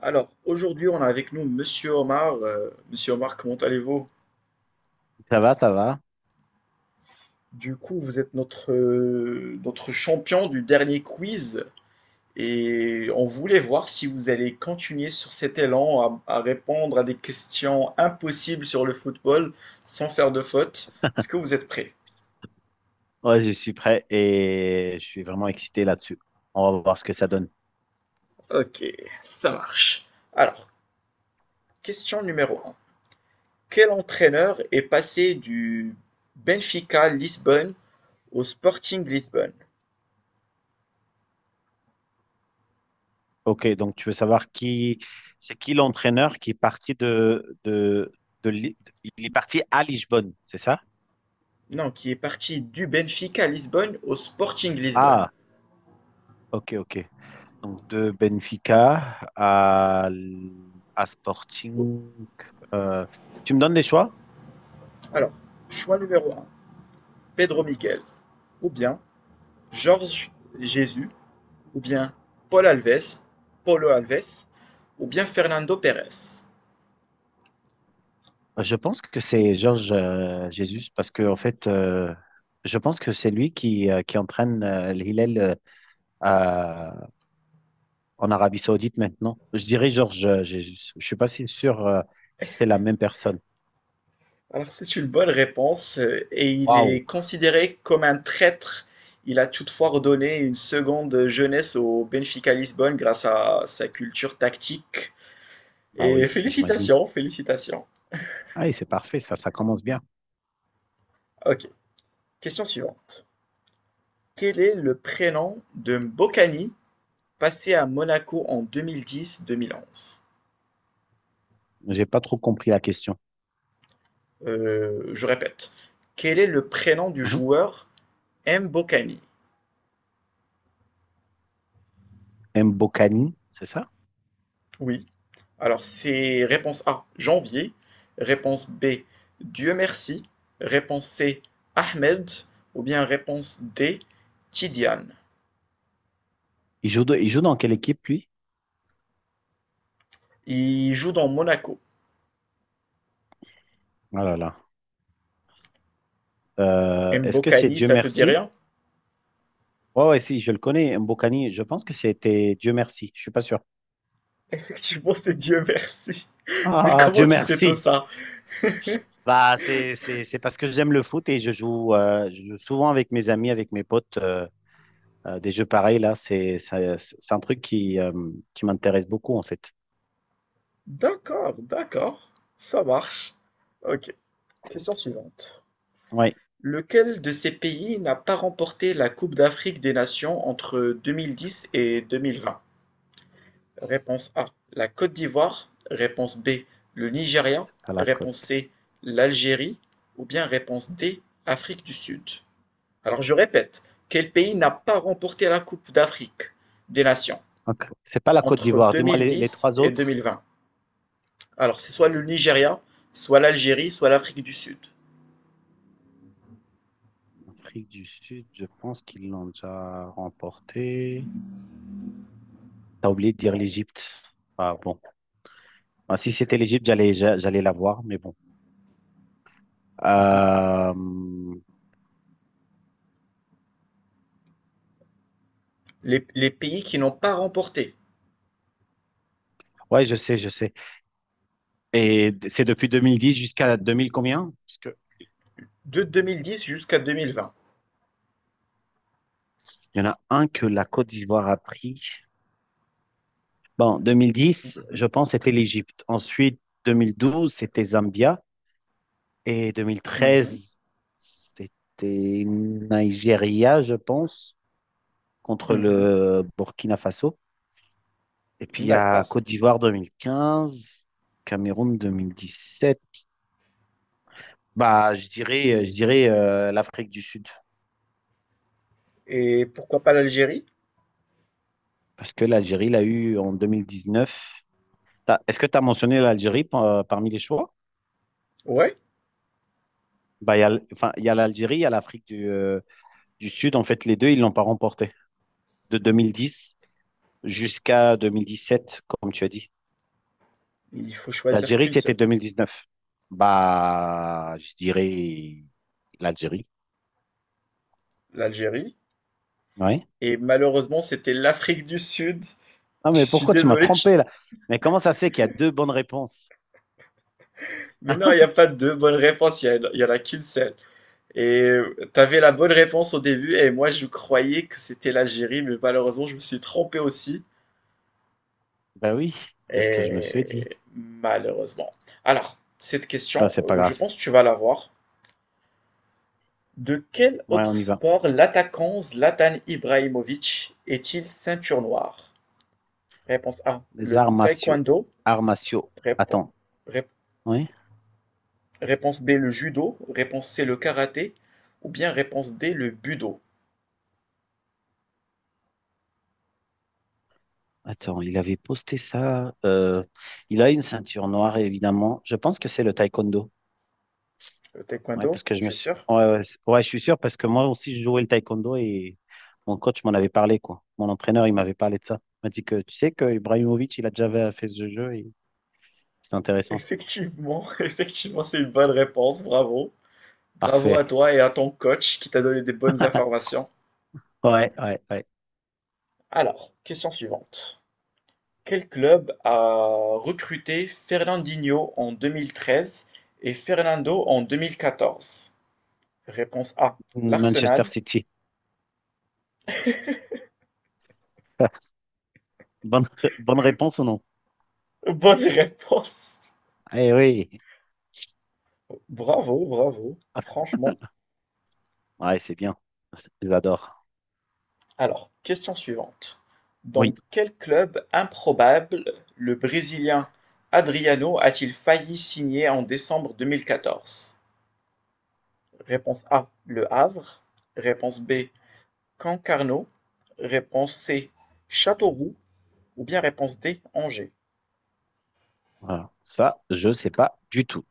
Alors, aujourd'hui, on a avec nous Monsieur Omar. Monsieur Omar, comment allez-vous? Ça va, ça va. Du coup, vous êtes notre champion du dernier quiz et on voulait voir si vous allez continuer sur cet élan à répondre à des questions impossibles sur le football sans faire de faute. Est-ce que vous êtes prêt? Ouais, je suis prêt et je suis vraiment excité là-dessus. On va voir ce que ça donne. Ok, ça marche. Alors, question numéro un. Quel entraîneur est passé du Benfica Lisbonne au Sporting Lisbonne? Ok, donc tu veux savoir qui c'est qui l'entraîneur qui est parti de il est parti à Lisbonne, c'est ça? Non, qui est parti du Benfica Lisbonne au Sporting Lisbonne. Ah, ok, ok. Donc de Benfica à, à Bon. Sporting. euh, Tu me donnes des choix? Alors, choix numéro un, Pedro Miguel, ou bien Jorge Jesus, ou bien Paul Alves, Paulo Alves, ou bien Fernando Pérez. Je pense que c'est Georges Jesus, parce que en fait, je pense que c'est lui qui entraîne l'Hilal en Arabie Saoudite maintenant. Je dirais, genre, je ne suis pas si sûr si c'est la même personne. Alors, c'est une bonne réponse et il Waouh, est considéré comme un traître. Il a toutefois redonné une seconde jeunesse au Benfica Lisbonne grâce à sa culture tactique. bah Et oui, j'imagine. félicitations, félicitations. Ah, et c'est parfait, ça commence bien. Ok, question suivante. Quel est le prénom de Mbokani, passé à Monaco en 2010-2011? J'ai pas trop compris la question. Je répète. Quel est le prénom du Mhm. joueur Mbokani? Mbokani, c'est ça? Oui. Alors c'est réponse A, janvier. Réponse B, Dieu merci. Réponse C, Ahmed. Ou bien réponse D, Tidiane. Il joue, il joue dans quelle équipe, lui? Il joue dans Monaco. Oh là là. Est-ce que c'est Mbokani, Dieu ça te dit merci? rien? Ouais, ouais, si, je le connais, Mbokani. Je pense que c'était Dieu merci. Je suis pas sûr. Effectivement, c'est Dieu merci. Mais Ah, comment Dieu tu sais tout merci. ça? Bah, c'est parce que j'aime le foot et je joue souvent avec mes amis, avec mes potes. Des jeux pareils, là, c'est un truc qui m'intéresse beaucoup, en fait. D'accord, d'accord, ça marche. Ok, question suivante. Oui, Lequel de ces pays n'a pas remporté la Coupe d'Afrique des Nations entre 2010 et 2020? Réponse A, la Côte d'Ivoire. Réponse B, le Nigeria. c'est pas la Réponse Côte. C, l'Algérie. Ou bien réponse D, Afrique du Sud. Alors je répète, quel pays n'a pas remporté la Coupe d'Afrique des Nations Ok, c'est pas la Côte entre d'Ivoire. Dis-moi les 2010 trois et autres. 2020? Alors, c'est soit le Nigeria, soit l'Algérie, soit l'Afrique du Sud. Afrique du Sud, je pense qu'ils l'ont déjà remporté. T'as oublié de dire l'Égypte. Ah bon. Ah, si c'était l'Égypte, j'allais j'allais la voir, mais bon. Mhm. Euh, Les pays qui n'ont pas remporté Ouais, je sais, je sais. Et c'est depuis 2010 jusqu'à 2000 combien? Parce que de 2010 jusqu'à 2020. il y en a un que la Côte d'Ivoire a pris. Bon, 2010, je pense, c'était l'Égypte. Ensuite, 2012, c'était Zambia. Et deux mille Mhm. treize, c'était Nigeria, je pense, contre Mhm. le Burkina Faso. Et puis, Mhm. il y a D'accord. Côte d'Ivoire 2015, Cameroun 2017. Bah, je dirais l'Afrique du Sud, Et pourquoi pas l'Algérie? parce que l'Algérie l'a eu en 2019. Est-ce que tu as mentionné l'Algérie parmi les choix? Ouais, Bah, il y a, enfin, il y a l'Algérie, il y a l'Afrique du Sud. En fait, les deux, ils l'ont pas remporté. De 2010 jusqu'à 2017 comme tu as dit. il faut choisir L'Algérie, qu'une c'était seule, 2019. Bah, je dirais l'Algérie. l'Algérie. Oui. Et malheureusement, c'était l'Afrique du Sud. Non, Je mais suis pourquoi tu m'as désolé, tu trompé là? Mais comment ça se fait qu'il y a deux bonnes réponses? Mais non, il n'y a pas de deux bonnes réponses, il y en a qu'une seule. Et tu avais la bonne réponse au début, et moi je croyais que c'était l'Algérie, mais malheureusement je me suis trompé aussi. Ben oui, c'est ce que je me suis dit. Et malheureusement. Alors, cette Ben, question, c'est pas euh, je grave. pense que tu vas l'avoir. De quel Ouais, on autre y va. sport l'attaquant Zlatan Ibrahimovic est-il ceinture noire? Réponse A, Les le arts martiaux. taekwondo. Arts martiaux. Répo- Attends. rép- Oui. réponse B, le judo. Réponse C, le karaté. Ou bien réponse D, le budo. Attends, il avait posté ça. Il a une ceinture noire, évidemment. Je pense que c'est le taekwondo. Le Ouais, taekwondo, parce que je me tu es suis. sûr? Ouais, ouais, ouais, je suis sûr, parce que moi aussi, je jouais le taekwondo et mon coach m'en avait parlé, quoi. Mon entraîneur, il m'avait parlé de ça. Il m'a dit que tu sais que Ibrahimovic, il a déjà fait ce jeu et c'est intéressant. Effectivement, effectivement, c'est une bonne réponse. Bravo. Bravo à Parfait. toi et à ton coach qui t'a donné des bonnes informations. Ouais, ouais, ouais. Alors, question suivante. Quel club a recruté Fernandinho en 2013 et Fernando en 2014? Réponse A, Manchester l'Arsenal. City. Bonne, bonne réponse ou non? Bonne réponse. Eh oui. Bravo, bravo. Franchement. Ouais, c'est bien. J'adore. Alors, question suivante. Dans Oui. quel club improbable le Brésilien Adriano a-t-il failli signer en décembre 2014? Réponse A, Le Havre. Réponse B, Concarneau. Réponse C, Châteauroux. Ou bien réponse D, Angers. Voilà. Ça, je sais pas du tout.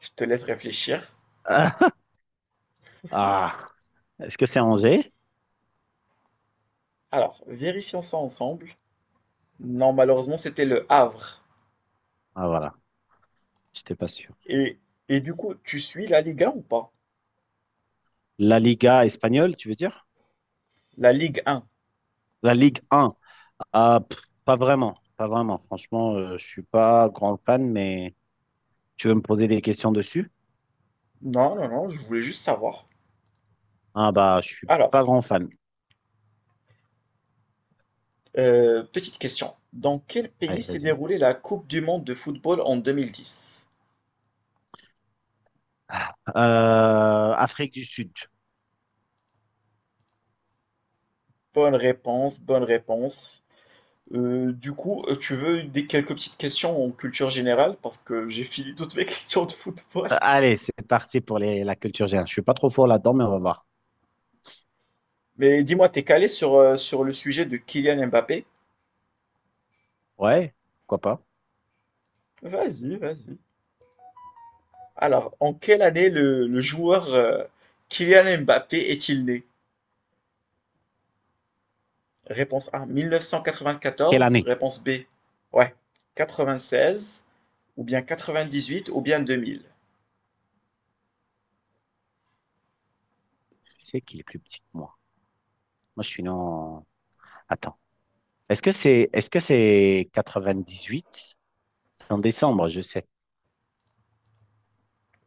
Je te laisse réfléchir. Ah, est-ce que c'est Angers? Alors, vérifions ça ensemble. Non, malheureusement, c'était Le Havre. Ah, voilà. J'étais pas sûr. Et, et du coup, tu suis la Ligue 1 ou pas? La Liga espagnole, tu veux dire? La Ligue 1. La Ligue 1. Ah, pff, pas vraiment, pas vraiment. Franchement, je suis pas grand fan, mais tu veux me poser des questions dessus? Non, non, non, je voulais juste savoir. Ah bah, je suis pas Alors, grand fan. Petite question. Dans quel Allez, pays s'est vas-y. déroulée la Coupe du monde de football en 2010? Afrique du Sud. Bonne réponse, bonne réponse. Du coup, tu veux des quelques petites questions en culture générale parce que j'ai fini toutes mes questions de football. Allez, c'est parti pour la culture générale. Je suis pas trop fort là-dedans, mais on va voir. Mais dis-moi, t'es calé sur le sujet de Kylian Mbappé? Ouais, pourquoi pas. Vas-y, vas-y. Alors, en quelle année le joueur Kylian Mbappé est-il né? Réponse A, Quelle 1994. année? Réponse B, ouais, 96, ou bien 98, ou bien 2000. Je sais qu'il est plus petit que moi. Moi, je suis né en... Attends. Est-ce que c'est 98? C'est en décembre, je sais.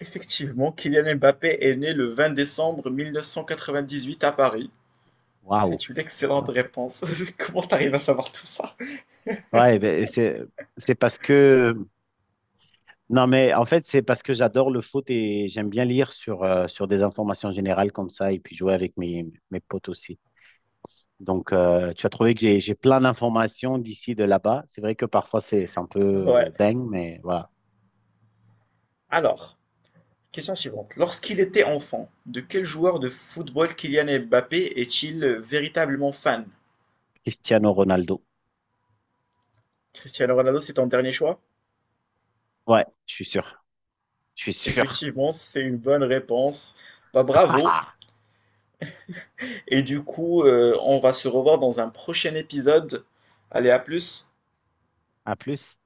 Effectivement, Kylian Mbappé est né le 20 décembre 1998 à Paris. Waouh, C'est une c'est excellente bien ça. réponse. Comment t'arrives à savoir tout ça? Ouais, ben, c'est parce que... Non, mais en fait, c'est parce que j'adore le foot et j'aime bien lire sur, sur des informations générales comme ça et puis jouer avec mes, mes potes aussi. Donc, tu as trouvé que j'ai plein d'informations d'ici, de là-bas. C'est vrai que parfois, c'est un Ouais. peu dingue, mais voilà. Alors, question suivante. Lorsqu'il était enfant, de quel joueur de football Kylian Mbappé est-il véritablement fan? Cristiano Ronaldo. Cristiano Ronaldo, c'est ton dernier choix? Ouais, je suis sûr. Je suis sûr. Effectivement, c'est une bonne réponse. Bah bravo. Et du coup, on va se revoir dans un prochain épisode. Allez, à plus. À plus.